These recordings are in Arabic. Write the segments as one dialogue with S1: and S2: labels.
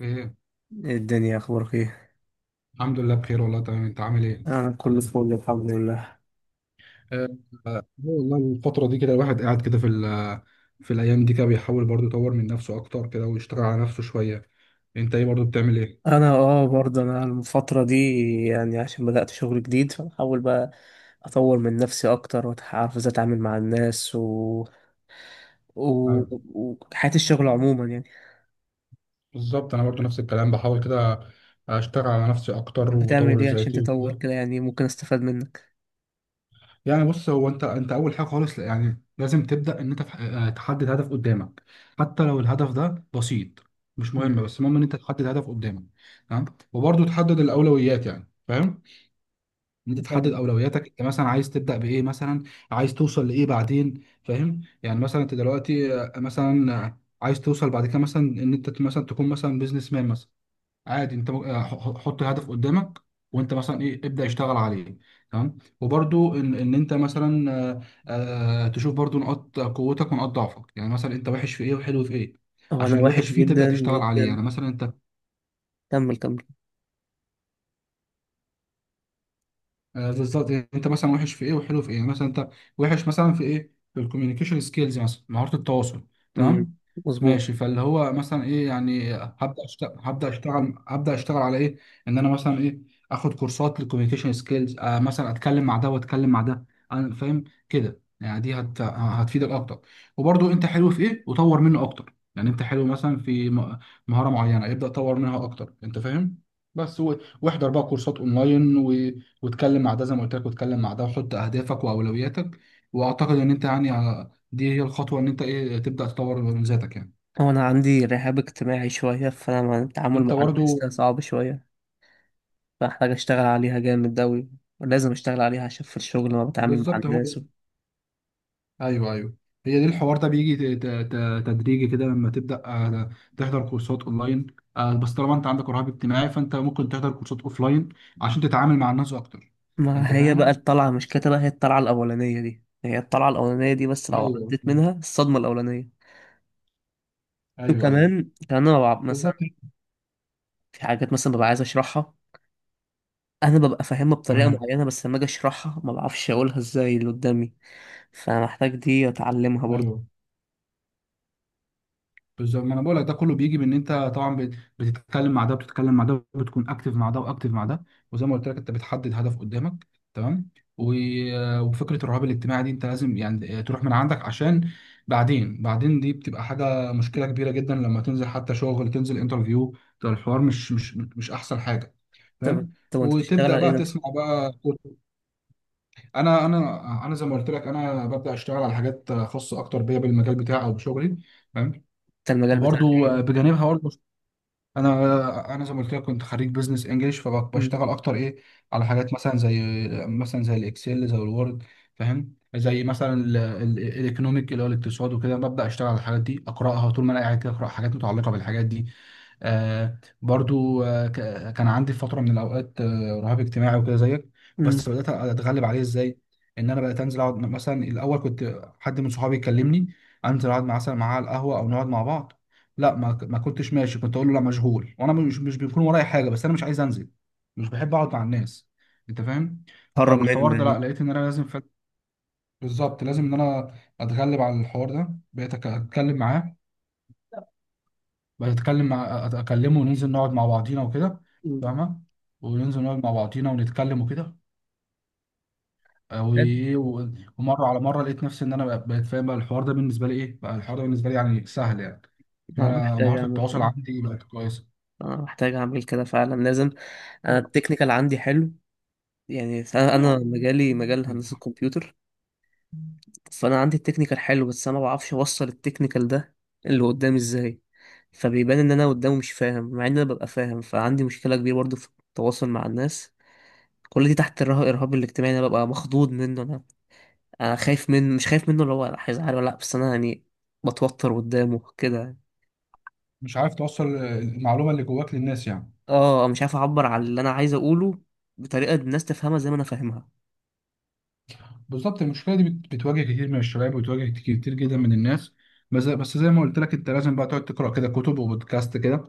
S1: ايه؟
S2: إيه الدنيا، اخبارك ايه؟
S1: الحمد لله بخير والله تمام، انت عامل ايه؟
S2: انا كله فل، الحمد لله.
S1: آه. والله الفتره دي كده الواحد قاعد كده في الايام دي كده بيحاول برضو يطور من نفسه اكتر كده ويشتغل على نفسه شويه. انت ايه برضو، بتعمل ايه؟
S2: انا برضه الفتره دي، يعني عشان بدات شغل جديد، فبحاول بقى اطور من نفسي اكتر واعرف ازاي اتعامل مع الناس و...
S1: أيوة.
S2: وحياه الشغل عموما يعني.
S1: بالظبط انا برضو نفس الكلام، بحاول كده اشتغل على نفسي
S2: أنت
S1: اكتر
S2: بتعمل
S1: واطور
S2: ايه عشان
S1: ذاتي
S2: تطور
S1: وكده.
S2: كده؟ يعني ممكن استفاد منك.
S1: يعني بص، هو انت اول حاجه خالص، يعني لازم تبدا ان انت تحدد هدف قدامك. حتى لو الهدف ده بسيط، مش مهم،
S2: مم.
S1: بس المهم ان انت تحدد هدف قدامك. تمام. وبرضو تحدد الاولويات، يعني فاهم، إن انت
S2: طب
S1: تحدد اولوياتك، انت مثلا عايز تبدا بايه مثلا، عايز توصل لايه بعدين، فاهم؟ يعني مثلا انت دلوقتي مثلا عايز توصل بعد كده مثلا ان انت مثلا تكون مثلا بيزنس مان مثلا. عادي، انت حط هدف قدامك، وانت مثلا ايه، ابدا اشتغل عليه. تمام. وبرده ان انت مثلا تشوف برده نقاط قوتك ونقاط ضعفك، يعني مثلا انت وحش في ايه وحلو في ايه.
S2: هو انا
S1: عشان الوحش
S2: وحش
S1: فيه تبدا
S2: جدا
S1: تشتغل عليه،
S2: جدا.
S1: يعني مثلا انت،
S2: كمل كمل.
S1: بالظبط، يعني انت مثلا وحش في ايه وحلو في ايه، يعني مثلا انت وحش مثلا في ايه، في الكوميونيكيشن سكيلز، مثلا مهارة التواصل.
S2: مم.
S1: تمام.
S2: مظبوط.
S1: ماشي، فاللي هو مثلا ايه، يعني هبدا اشتغل هبدا اشتغل على ايه، ان انا مثلا ايه، اخد كورسات للكوميونيكيشن سكيلز. آه، مثلا اتكلم مع ده واتكلم مع ده، انا فاهم كده، يعني هتفيدك اكتر. وبرضو انت حلو في ايه وطور منه اكتر، يعني انت حلو مثلا مهارة معينة، ابدا طور منها اكتر، انت فاهم. بس و... واحضر بقى كورسات اونلاين، واتكلم مع ده زي ما قلت لك، واتكلم مع ده، وحط اهدافك واولوياتك. واعتقد ان انت يعني دي هي الخطوه، ان انت ايه، تبدا تطور من ذاتك يعني.
S2: هو انا عندي رهاب اجتماعي شويه، فانا التعامل
S1: انت
S2: مع الناس
S1: برضو.
S2: ده صعب شويه، فاحتاج اشتغل عليها جامد اوي. ولازم اشتغل عليها عشان في الشغل ما بتعامل مع
S1: بالظبط. هو،
S2: الناس و...
S1: ايوه ايوه، هي دي، الحوار ده بيجي تدريجي كده، لما تبدا تحضر كورسات اونلاين. آه، بس طالما انت عندك رهاب اجتماعي، فانت ممكن تحضر كورسات اوفلاين عشان تتعامل مع الناس اكتر. انت
S2: ما هي بقى
S1: فاهم.
S2: الطلعة مش كده، هي الطلعة الأولانية دي، هي الطلعة الأولانية دي بس لو
S1: ايوه.
S2: عديت منها الصدمة الأولانية.
S1: ايوه ايوه.
S2: وكمان كمان أنا ببقى مثلا
S1: بالظبط.
S2: في حاجات مثلا ببقى عايز أشرحها، أنا ببقى فاهمها بطريقة
S1: تمام.
S2: معينة، بس لما أجي أشرحها ما بعرفش أقولها إزاي اللي قدامي. فمحتاج دي أتعلمها برضه.
S1: ايوه، بالظبط، ما انا بقول لك ده كله بيجي، بان انت طبعا بتتكلم مع ده وبتتكلم مع ده، بتكون اكتف مع ده واكتف مع ده، وزي ما قلت لك انت بتحدد هدف قدامك. تمام. و- آه، وفكره الرهاب الاجتماعي دي انت لازم يعني تروح من عندك، عشان بعدين، دي بتبقى حاجه، مشكله كبيره جدا لما تنزل حتى شغل، تنزل انترفيو، ده الحوار مش احسن حاجه،
S2: طب
S1: فاهم.
S2: طب أنت بتشتغل
S1: وتبدا
S2: على إيه
S1: بقى
S2: نفسك؟
S1: تسمع بقى. انا زي ما قلت لك، انا ببدا اشتغل على حاجات خاصه اكتر بيا، بالمجال بتاعي او بشغلي، فاهم.
S2: أنت المجال بتاعك
S1: وبرضو
S2: إيه؟
S1: بجانبها برضو، انا زي ما قلت لك كنت خريج بزنس انجلش،
S2: مم.
S1: فبشتغل اكتر ايه على حاجات مثلا زي الاكسل، زي الوورد، فاهم، زي مثلا الايكونوميك، اللي هو الاقتصاد وكده، ببدا اشتغل على الحاجات دي، اقراها طول ما انا قاعد كده، اقرا حاجات متعلقه بالحاجات دي. آه برضو، آه، كان عندي فترة من الأوقات آه رهاب اجتماعي وكده زيك، بس
S2: مم.
S1: بدأت أتغلب عليه إزاي؟ إن أنا بدأت أنزل أقعد. مثلا الأول كنت، حد من صحابي يكلمني أنزل أقعد مثلا معاه على القهوة أو نقعد مع بعض، لا، ما كنتش ماشي، كنت أقول له لا مشغول، وأنا مش مش بيكون ورايا حاجة، بس أنا مش عايز أنزل، مش بحب أقعد مع الناس، أنت فاهم؟
S2: هرب منه
S1: فالحوار ده، لا
S2: يعني.
S1: لقيت إن أنا لازم فعلا- بالظبط، لازم إن أنا أتغلب على الحوار ده. بقيت أتكلم معاه، بتكلم مع اكلمه وننزل نقعد مع بعضينا وكده،
S2: مم.
S1: فاهمه، وننزل نقعد مع بعضينا ونتكلم وكده. وايه و- ومره على مره لقيت نفسي ان انا بقيت فاهم بقى الحوار ده بالنسبه لي، ايه بقى الحوار ده بالنسبه لي، يعني سهل، يعني ان
S2: أنا
S1: انا
S2: محتاج
S1: مهاره
S2: أعمل
S1: التواصل
S2: كده.
S1: عندي بقت كويسه.
S2: انا محتاج اعمل كده فعلا، لازم. انا التكنيكال عندي حلو، يعني انا مجالي مجال هندسة الكمبيوتر. فانا عندي التكنيكال حلو، بس انا ما بعرفش اوصل التكنيكال ده اللي قدامي ازاي. فبيبان ان انا قدامه مش فاهم مع ان انا ببقى فاهم، فعندي مشكله كبيره برضو في التواصل مع الناس. كل دي تحت الرهاب الاجتماعي، انا ببقى مخضوض منه. انا انا خايف منه، مش خايف منه اللي هو هيزعل ولا لا، بس انا يعني بتوتر قدامه كده.
S1: مش عارف توصل المعلومه اللي جواك للناس يعني.
S2: اه مش عارف اعبر عن اللي انا عايز اقوله بطريقه الناس تفهمها زي ما انا فاهمها.
S1: بالظبط، المشكله دي بتواجه كتير من الشباب، وبتواجه كتير جدا من الناس. بس زي ما قلت لك، انت لازم بقى تقعد تقرا كده كتب، وبودكاست كده،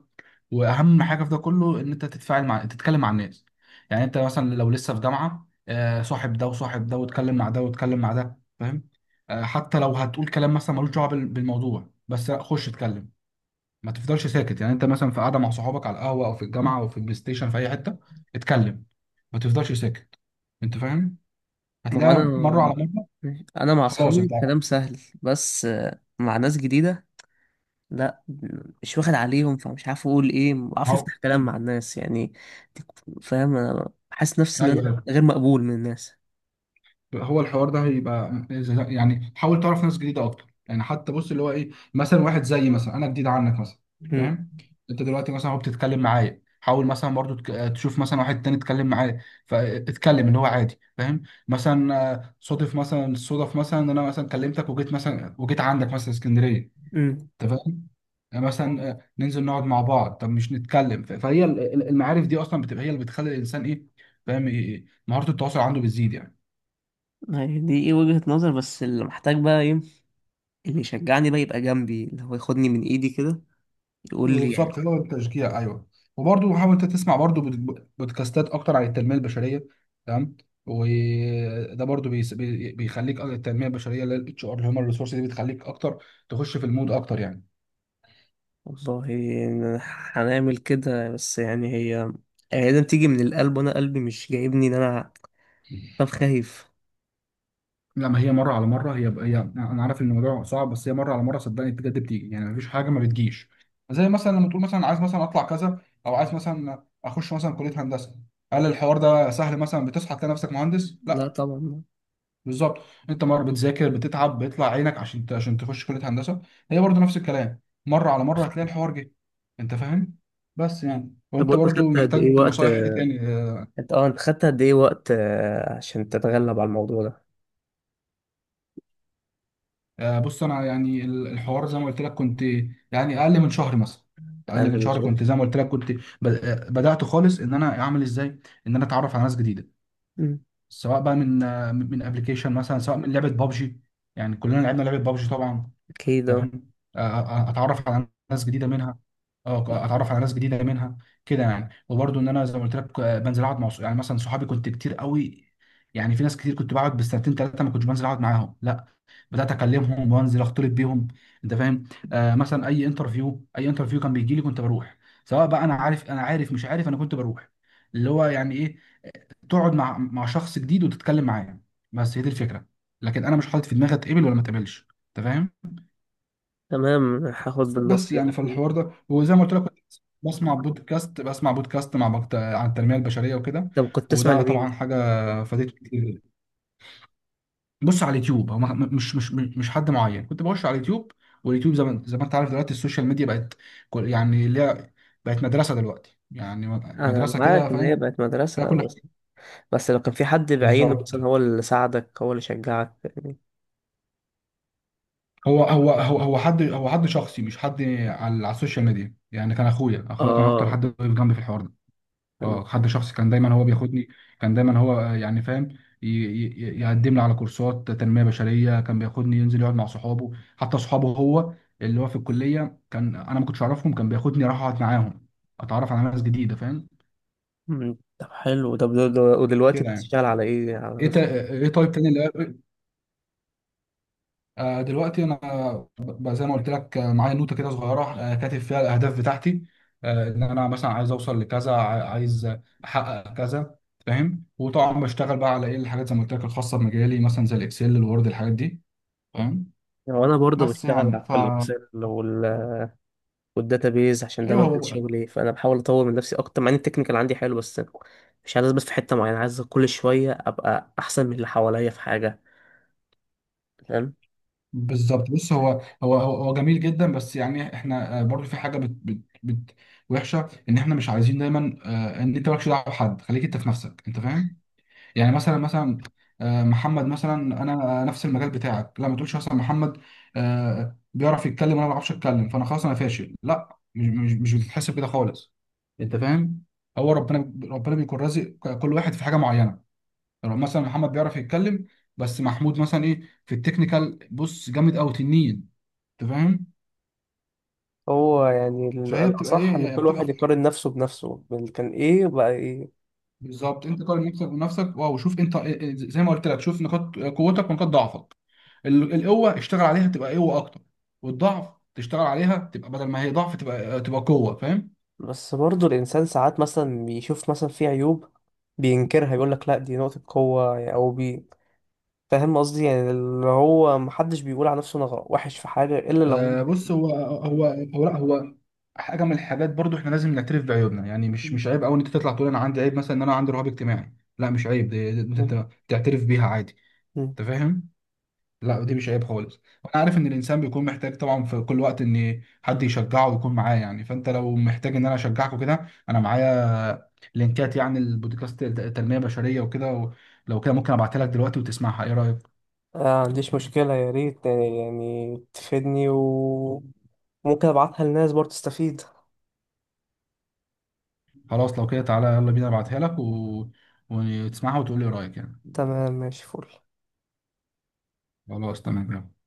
S1: واهم حاجه في ده كله ان انت تتفاعل مع، تتكلم مع الناس. يعني انت مثلا لو لسه في جامعه، صاحب ده وصاحب ده، واتكلم مع ده واتكلم مع ده، فاهم. آه، حتى لو هتقول كلام مثلا ملوش دعوه بالموضوع، بس لا، خش اتكلم، ما تفضلش ساكت. يعني انت مثلا في قاعده مع صحابك على القهوه، او في الجامعه، او في البلاي ستيشن، في اي حته، اتكلم، ما تفضلش ساكت، انت فاهم.
S2: ما هو انا
S1: هتلاقي مره على مره.
S2: انا مع
S1: خلاص،
S2: اصحابي
S1: انت،
S2: كلام سهل، بس مع ناس جديده، لا مش واخد عليهم، فمش عارف اقول ايه، ما بعرفش
S1: هو.
S2: افتح كلام مع
S1: مم.
S2: الناس يعني. فاهم، انا حاسس نفسي ان
S1: ايوه
S2: انا
S1: ايوه.
S2: غير مقبول من الناس.
S1: هو الحوار ده هيبقى زي- يعني حاول تعرف ناس جديده اكتر، يعني حتى بص، اللي هو ايه، مثلا واحد زيي مثلا، انا جديد عنك مثلا،
S2: مم.
S1: فاهم. انت دلوقتي مثلا، هو بتتكلم معايا، حاول مثلا برضو تشوف مثلا واحد تاني اتكلم معاه، فاتكلم، اللي هو عادي، فاهم. مثلا آه، صادف مثلا صدف مثلا ان انا مثلا كلمتك وجيت مثلا، وجيت عندك مثلا اسكندريه،
S2: مم.
S1: انت فاهم. مثلا ننزل نقعد مع بعض، طب مش نتكلم فهي المعارف دي اصلا بتبقى هي اللي بتخلي الانسان ايه، فاهم، إيه- مهارة التواصل عنده بتزيد يعني.
S2: يعني دي ايه، وجهة نظر، بس اللي محتاج بقى ايه، اللي يشجعني بقى يبقى جنبي، اللي هو ياخدني من ايدي كده يقول لي يعني.
S1: بالظبط، هو التشجيع، ايوه. وبرضه حاول انت تسمع برضه بودكاستات اكتر عن التنميه البشريه. تمام. وده برضه بيخليك، التنميه البشريه اللي هي الاتش ار اللي هم الريسورس دي، بتخليك اكتر تخش في المود اكتر يعني.
S2: والله هنعمل كده، بس يعني هي لازم تيجي من القلب، وانا قلبي مش جايبني ان انا. طب خايف.
S1: لا، ما هي مرة على مرة، هي هي أنا عارف إن الموضوع صعب، بس هي مرة على مرة صدقني بجد بتيجي، يعني مفيش حاجة ما بتجيش. زي مثلا لما تقول مثلا عايز مثلا أطلع كذا، أو عايز مثلا أخش مثلا كلية هندسة، هل الحوار ده سهل مثلا، بتصحى تلاقي نفسك مهندس؟
S2: لا
S1: لا.
S2: طبعا.
S1: بالظبط، أنت مرة بتذاكر، بتتعب، بيطلع عينك عشان عشان تخش كلية هندسة. هي برضو نفس الكلام، مرة على مرة هتلاقي الحوار جه، أنت فاهم؟ بس يعني،
S2: طب
S1: وأنت
S2: وانت
S1: برضو
S2: خدت قد ايه
S1: محتاج
S2: وقت؟
S1: نصايح إيه تاني؟
S2: انت خدت قد ايه وقت عشان تتغلب على الموضوع ده.
S1: آه، بص انا يعني الحوار زي ما قلت لك كنت، يعني اقل من شهر مثلا. اقل
S2: اقل
S1: من
S2: من
S1: شهر،
S2: شهر.
S1: كنت زي ما قلت لك كنت بدات خالص ان انا اعمل ازاي ان انا اتعرف على ناس جديده،
S2: مم.
S1: سواء بقى من من ابلكيشن مثلا، سواء من لعبه بابجي، يعني كلنا لعبنا لعبه بابجي طبعا،
S2: اكيد اه.
S1: فاهم. اتعرف على ناس جديده منها، اه اتعرف على ناس جديده منها كده يعني. وبرده ان انا زي ما قلت لك، بنزل اقعد مع يعني مثلا صحابي كنت كتير قوي، يعني في ناس كتير كنت بقعد بالسنتين ثلاثه ما كنتش بنزل اقعد معاهم، لا بدات اكلمهم وانزل اختلط بيهم، انت فاهم. آه مثلا اي انترفيو، كان بيجي لي كنت بروح، سواء بقى انا عارف، انا عارف مش عارف انا كنت بروح، اللي هو يعني ايه، تقعد مع مع شخص جديد وتتكلم معاه، بس هي دي الفكره. لكن انا مش حاطط في دماغي اتقبل ولا ما اتقبلش، انت فاهم.
S2: تمام، هاخد
S1: بس
S2: بالنصيحة
S1: يعني في
S2: دي.
S1: الحوار ده، وزي ما قلت لك كنت بسمع بودكاست، عن التنميه البشريه وكده،
S2: طب كنت تسمع
S1: وده
S2: لمين؟
S1: طبعا حاجه فادتني كتير. بص على اليوتيوب، هو مش حد معين، كنت بخش على اليوتيوب، واليوتيوب زي ما انت عارف، دلوقتي السوشيال ميديا بقت يعني ليها، بقت مدرسه دلوقتي، يعني
S2: انا
S1: مدرسه كده
S2: معاك ان هي
S1: فاهم،
S2: بقت
S1: فيها
S2: مدرسة،
S1: كل
S2: بس
S1: حاجه.
S2: بس لو كان في حد بعينه
S1: بالظبط،
S2: مثلا، هو اللي ساعدك، هو اللي شجعك يعني.
S1: هو هو هو هو حد هو حد شخصي، مش حد على على السوشيال ميديا، يعني كان اخويا، كان اكتر
S2: اه.
S1: حد واقف جنبي في الحوار ده.
S2: تمام.
S1: اه، حد شخصي، كان دايما هو بياخدني، كان دايما هو يعني فاهم، يقدم لي على كورسات تنمية بشرية، كان بياخدني ينزل يقعد مع صحابه، حتى صحابه هو اللي هو في الكلية كان انا ما كنتش اعرفهم، كان بياخدني اروح اقعد معاهم، اتعرف على ناس جديدة، فاهم،
S2: مم. طب حلو. طب ودلوقتي
S1: كده يعني.
S2: بتشتغل على ايه، على
S1: ايه
S2: نفسك؟
S1: تا... ايه طيب تاني اللي، دلوقتي انا زي ما قلت لك، معايا نوته كده صغيره، كاتب فيها الاهداف بتاعتي، ان انا مثلا عايز اوصل لكذا، عايز احقق كذا، فاهم. وطبعا بشتغل بقى على ايه الحاجات زي ما قلت لك الخاصه بمجالي، مثلا زي الاكسل، الوورد، الحاجات دي، فاهم.
S2: وانا برضه
S1: بس
S2: بشتغل
S1: يعني ف،
S2: في الاكسل والداتابيز عشان ده
S1: ايوه،
S2: مجال
S1: هو،
S2: شغلي، فانا بحاول اطور من نفسي اكتر مع ان التكنيكال عندي حلو، بس مش عايز، بس في حته معينه عايز كل شويه ابقى احسن من اللي حواليا في حاجه. فاهم.
S1: بالظبط. بص هو، جميل جدا، بس يعني احنا برضو في حاجه بت بت بت وحشه، ان احنا مش عايزين دايما، ان انت مالكش دعوه بحد، خليك انت في نفسك، انت فاهم. يعني مثلا محمد مثلا، انا نفس المجال بتاعك، لا ما تقولش مثلا محمد بيعرف يتكلم وانا ما بعرفش اتكلم، فانا خلاص انا فاشل، لا، مش بتتحسب كده خالص، انت فاهم. هو ربنا، ربنا بيكون رازق كل واحد في حاجه معينه، يعني مثلا محمد بيعرف يتكلم، بس محمود مثلا ايه، في التكنيكال بص جامد قوي تنين، انت فاهم،
S2: هو يعني
S1: فهي بتبقى
S2: الأصح
S1: ايه
S2: إن
S1: يعني
S2: كل
S1: بتبقى،
S2: واحد يقارن نفسه بنفسه، كان إيه بقى إيه.
S1: بالظبط، انت قارن نفسك بنفسك، واو شوف انت إيه- إيه- زي ما قلت لك شوف نقاط قوتك ونقاط ضعفك، القوه اشتغل عليها تبقى قوه اكتر، والضعف تشتغل عليها تبقى بدل ما هي ضعف تبقى، تبقى قوه، فاهم.
S2: بس برضه الإنسان ساعات مثلا بيشوف مثلا في عيوب بينكرها، يقول لك لأ دي نقطة قوة يعني، أو بي فاهم قصدي؟ يعني اللي هو محدش بيقول على نفسه أنا وحش في حاجة إلا لو.
S1: آه، بص هو، هو هو لا هو حاجه من الحاجات، برضو احنا لازم نعترف بعيوبنا، يعني مش عيب قوي ان انت تطلع تقول انا عندي عيب، مثلا ان انا عندي رهاب اجتماعي، لا مش عيب، دي انت تعترف بيها عادي،
S2: هو
S1: انت فاهم. لا دي مش عيب خالص، وانا عارف ان الانسان بيكون محتاج طبعا في كل وقت ان حد يشجعه ويكون معاه يعني، فانت لو محتاج ان انا اشجعك وكده انا معايا لينكات، يعني البودكاست تنمية بشرية وكده و- لو كده ممكن ابعتها لك دلوقتي وتسمعها، ايه رأيك؟
S2: عنديش مشكلة، يا ريت يعني تفيدني، وممكن أبعتها للناس برضه تستفيد.
S1: خلاص لو كده تعالى يلا بينا، وتسمعها وتقول لي رأيك يعني.
S2: تمام، ماشي، فل.
S1: خلاص تمام، يلا.